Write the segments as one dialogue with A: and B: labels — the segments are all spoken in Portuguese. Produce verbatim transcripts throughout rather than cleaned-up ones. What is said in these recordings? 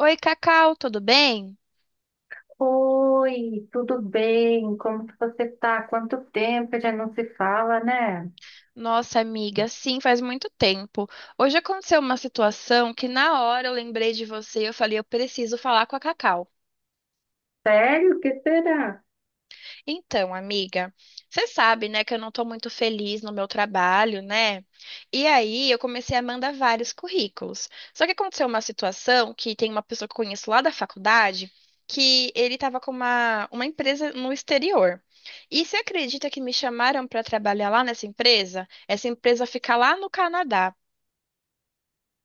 A: Oi, Cacau, tudo bem?
B: Oi, tudo bem? Como que você tá? Quanto tempo que já não se fala, né?
A: Nossa, amiga, sim, faz muito tempo. Hoje aconteceu uma situação que na hora eu lembrei de você e eu falei, eu preciso falar com a Cacau.
B: Sério? O que será?
A: Então, amiga, você sabe, né, que eu não tô muito feliz no meu trabalho, né? E aí eu comecei a mandar vários currículos. Só que aconteceu uma situação que tem uma pessoa que eu conheço lá da faculdade que ele estava com uma, uma empresa no exterior. E você acredita que me chamaram para trabalhar lá nessa empresa? Essa empresa fica lá no Canadá.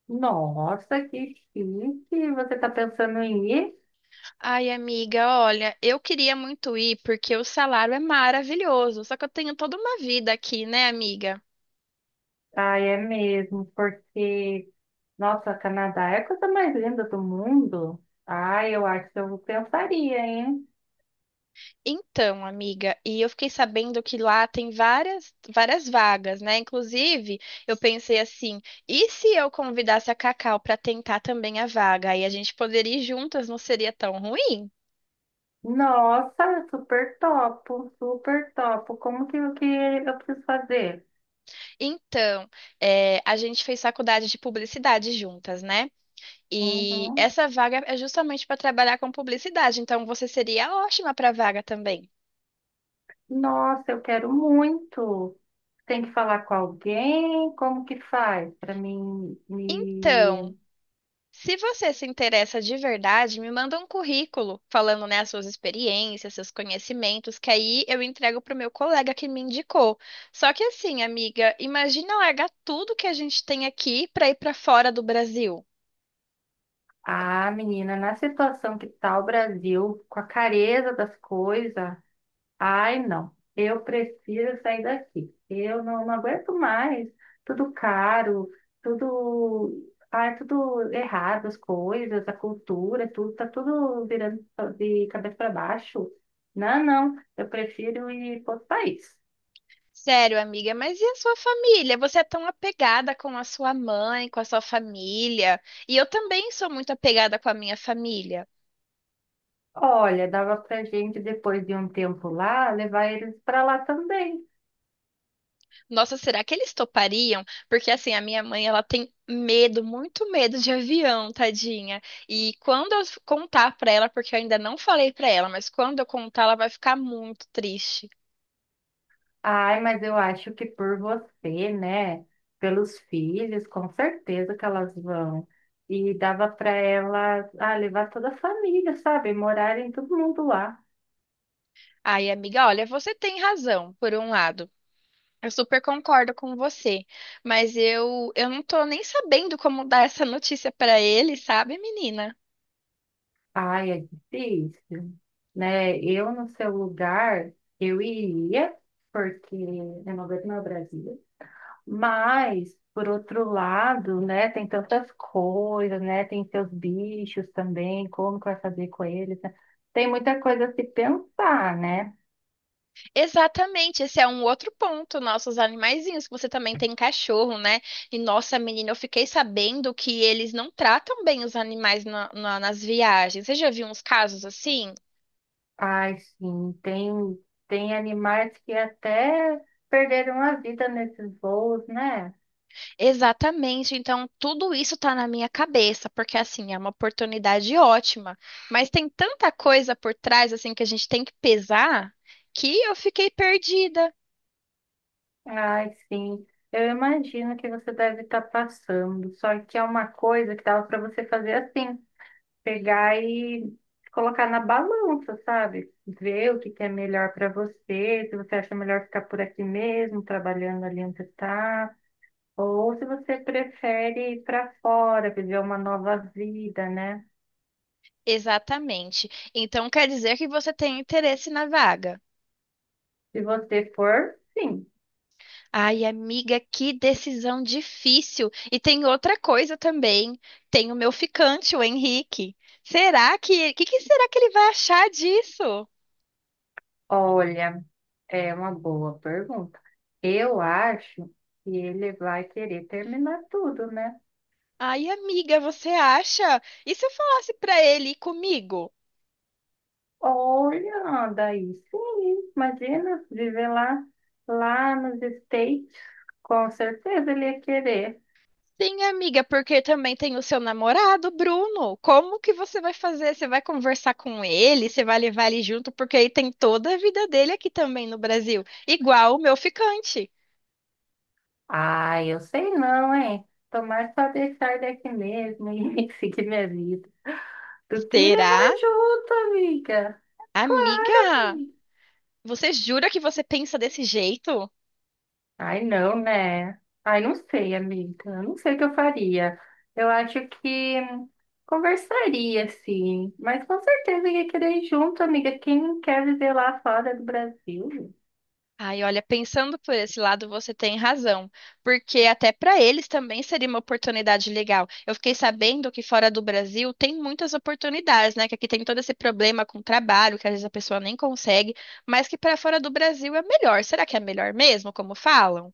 B: Nossa, que chique! Você tá pensando em ir?
A: Ai, amiga, olha, eu queria muito ir porque o salário é maravilhoso, só que eu tenho toda uma vida aqui, né, amiga?
B: Ah, é mesmo, porque, nossa, Canadá é a coisa mais linda do mundo. Ah, eu acho que eu pensaria, hein?
A: Então, amiga, e eu fiquei sabendo que lá tem várias, várias vagas, né? Inclusive, eu pensei assim, e se eu convidasse a Cacau para tentar também a vaga? Aí a gente poderia ir juntas, não seria tão ruim?
B: Nossa, super topo, super topo. Como que, o que eu preciso fazer?
A: Então, é, a gente fez faculdade de publicidade juntas, né? E
B: Uhum.
A: essa vaga é justamente para trabalhar com publicidade, então você seria ótima para a vaga também.
B: Nossa, eu quero muito. Tem que falar com alguém? Como que faz para mim
A: Então,
B: me...
A: se você se interessa de verdade, me manda um currículo falando, né, as suas experiências, seus conhecimentos, que aí eu entrego pro meu colega que me indicou. Só que assim, amiga, imagina largar tudo que a gente tem aqui para ir para fora do Brasil.
B: Ah, menina, na situação que tá o Brasil, com a careza das coisas, ai, não. Eu prefiro sair daqui. Eu não, não aguento mais. Tudo caro, tudo... Ai, tudo errado, as coisas, a cultura, tudo, tá tudo virando de cabeça para baixo. Não, não. Eu prefiro ir para outro país.
A: Sério, amiga, mas e a sua família? Você é tão apegada com a sua mãe, com a sua família, e eu também sou muito apegada com a minha família.
B: Olha, dava pra gente, depois de um tempo lá, levar eles para lá também.
A: Nossa, será que eles topariam? Porque assim, a minha mãe, ela tem medo, muito medo de avião, tadinha. E quando eu contar pra ela, porque eu ainda não falei pra ela, mas quando eu contar, ela vai ficar muito triste.
B: Ai, mas eu acho que por você, né? Pelos filhos, com certeza que elas vão. E dava para elas, ah, levar toda a família, sabe? Morarem todo mundo lá.
A: Ai, amiga, olha, você tem razão, por um lado. Eu super concordo com você, mas eu eu não tô nem sabendo como dar essa notícia pra ele, sabe, menina?
B: Ai, é difícil, né? Eu, no seu lugar, eu iria, porque eu não aguento mais o Brasil. Mas, por outro lado, né, tem tantas coisas, né? Tem seus bichos também, como que vai fazer com eles, né? Tem muita coisa a se pensar, né?
A: Exatamente, esse é um outro ponto, nossos animaizinhos, que você também tem cachorro, né? E nossa, menina, eu fiquei sabendo que eles não tratam bem os animais na- na- nas viagens. Você já viu uns casos assim?
B: Ai, sim, tem, tem animais que até perderam a vida nesses voos, né?
A: Exatamente, então tudo isso tá na minha cabeça, porque assim, é uma oportunidade ótima, mas tem tanta coisa por trás assim que a gente tem que pesar que eu fiquei perdida.
B: Ai, sim. Eu imagino que você deve estar passando, só que é uma coisa que dava para você fazer assim. Pegar e colocar na balança, sabe? Ver o que que é melhor para você, se você acha melhor ficar por aqui mesmo, trabalhando ali onde está, ou se você prefere ir para fora, viver uma nova vida, né?
A: Exatamente. Então quer dizer que você tem interesse na vaga.
B: Se você for, sim.
A: Ai, amiga, que decisão difícil. E tem outra coisa também. Tem o meu ficante, o Henrique. Será que, que, que será que ele vai achar disso?
B: Olha, é uma boa pergunta. Eu acho que ele vai querer terminar tudo, né?
A: Ai, amiga, você acha? E se eu falasse pra ele ir comigo?
B: Olha, daí sim, imagina viver lá, lá nos States, com certeza ele ia querer.
A: Sim, amiga, porque também tem o seu namorado, Bruno. Como que você vai fazer? Você vai conversar com ele? Você vai levar ele junto? Porque aí tem toda a vida dele aqui também no Brasil, igual o meu ficante.
B: Ah, eu sei não, hein? Tomar só deixar daqui mesmo e seguir minha vida. Do que levar
A: Será?
B: junto, amiga? Claro,
A: Amiga,
B: amiga.
A: você jura que você pensa desse jeito?
B: Ai, não, né? Ai, não sei, amiga. Eu não sei o que eu faria. Eu acho que conversaria, sim. Mas com certeza ia querer ir junto, amiga. Quem quer viver lá fora do Brasil?
A: Ai, olha, pensando por esse lado, você tem razão, porque até para eles também seria uma oportunidade legal. Eu fiquei sabendo que fora do Brasil tem muitas oportunidades, né? Que aqui tem todo esse problema com trabalho, que às vezes a pessoa nem consegue, mas que para fora do Brasil é melhor. Será que é melhor mesmo, como falam?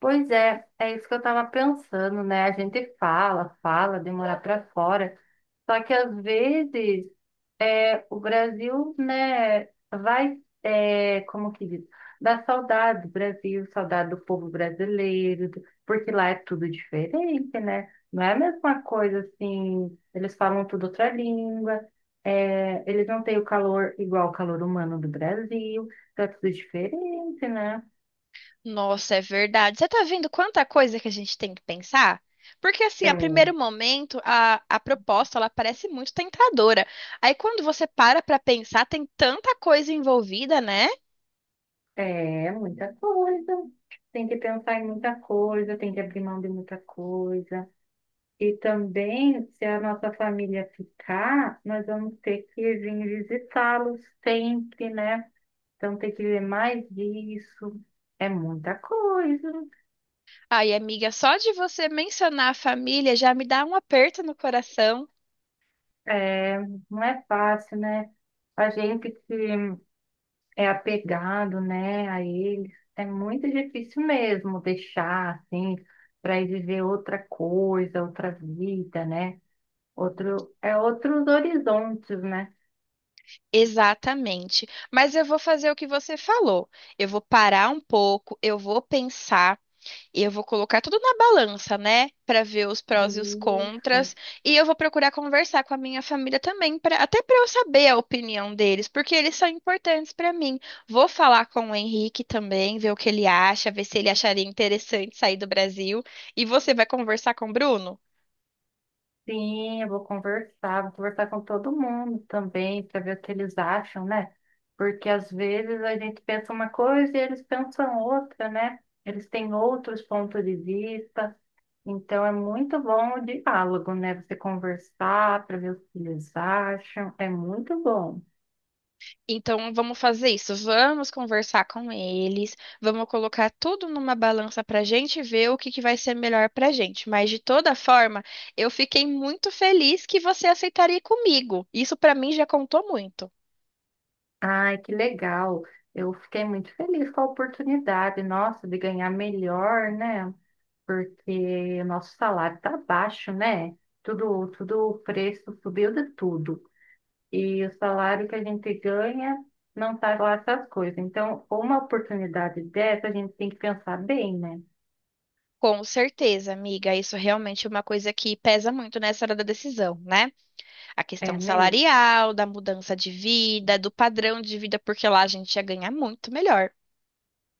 B: Pois é, é isso que eu tava pensando, né? A gente fala, fala, demora pra fora. Só que às vezes. É, o Brasil, né, vai, é, como que diz, dá saudade do Brasil, saudade do povo brasileiro, do- porque lá é tudo diferente, né? Não é a mesma coisa assim, eles falam tudo outra língua, é, eles não têm o calor igual o calor humano do Brasil, então é tudo diferente, né?
A: Nossa, é verdade. Você tá vendo quanta coisa que a gente tem que pensar? Porque assim, a primeiro
B: Então,
A: momento, a, a proposta, ela parece muito tentadora. Aí quando você para pra pensar, tem tanta coisa envolvida, né?
B: é é muita coisa, tem que pensar em muita coisa, tem que abrir mão de muita coisa. E também, se a nossa família ficar, nós vamos ter que vir visitá-los sempre, né? Então, tem que ver mais disso. É muita coisa.
A: Ai, amiga, só de você mencionar a família já me dá um aperto no coração.
B: É, não é fácil, né? A gente que é apegado, né, a eles, é muito difícil mesmo deixar, assim, para ir viver outra coisa, outra vida, né? Outro, é outros horizontes, né?
A: Exatamente. Mas eu vou fazer o que você falou. Eu vou parar um pouco, eu vou pensar. E eu vou colocar tudo na balança, né? Pra ver os prós e os
B: Isso.
A: contras. E eu vou procurar conversar com a minha família também, pra, até pra eu saber a opinião deles, porque eles são importantes pra mim. Vou falar com o Henrique também, ver o que ele acha, ver se ele acharia interessante sair do Brasil. E você vai conversar com o Bruno?
B: Sim, eu vou conversar, vou conversar com todo mundo também, para ver o que eles acham, né? Porque às vezes a gente pensa uma coisa e eles pensam outra, né? Eles têm outros pontos de vista, então é muito bom o diálogo, né? Você conversar para ver o que eles acham, é muito bom.
A: Então vamos fazer isso. Vamos conversar com eles, vamos colocar tudo numa balança pra gente ver o que que vai ser melhor pra gente. Mas de toda forma, eu fiquei muito feliz que você aceitaria ir comigo. Isso pra mim já contou muito.
B: Ai, que legal! Eu fiquei muito feliz com a oportunidade, nossa, de ganhar melhor, né? Porque o nosso salário está baixo, né? Tudo, tudo, o preço subiu de tudo. E o salário que a gente ganha não está lá essas coisas. Então, uma oportunidade dessa, a gente tem que pensar bem, né?
A: Com certeza, amiga, isso realmente é uma coisa que pesa muito nessa hora da decisão, né? A
B: É
A: questão
B: mesmo.
A: salarial, da mudança de vida, do padrão de vida, porque lá a gente ia ganhar muito melhor.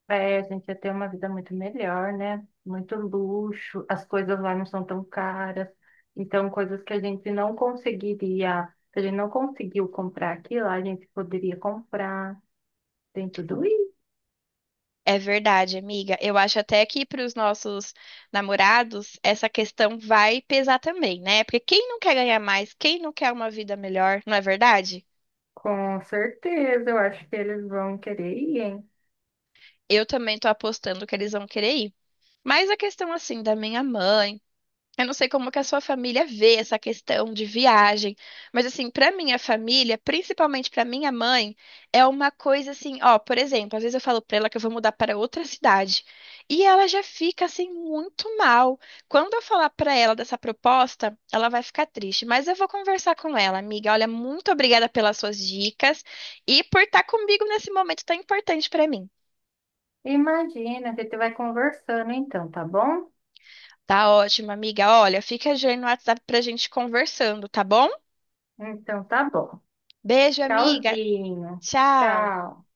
B: É, a gente ia ter uma vida muito melhor, né? Muito luxo, as coisas lá não são tão caras. Então, coisas que a gente não conseguiria, se a gente não conseguiu comprar aqui lá, a gente poderia comprar. Tem tudo.
A: É verdade, amiga. Eu acho até que para os nossos namorados essa questão vai pesar também, né? Porque quem não quer ganhar mais, quem não quer uma vida melhor, não é verdade?
B: Com certeza, eu acho que eles vão querer ir, hein?
A: Eu também tô apostando que eles vão querer ir. Mas a questão assim da minha mãe. Eu não sei como que a sua família vê essa questão de viagem, mas assim, para minha família, principalmente para minha mãe, é uma coisa assim, ó, por exemplo, às vezes eu falo para ela que eu vou mudar para outra cidade, e ela já fica assim muito mal. Quando eu falar para ela dessa proposta, ela vai ficar triste, mas eu vou conversar com ela, amiga. Olha, muito obrigada pelas suas dicas e por estar comigo nesse momento tão importante para mim.
B: Imagina, a gente vai conversando então, tá bom?
A: Tá ótimo, amiga. Olha, fica de olho no WhatsApp pra gente conversando, tá bom?
B: Então tá bom.
A: Beijo, amiga.
B: Tchauzinho.
A: Tchau!
B: Tchau.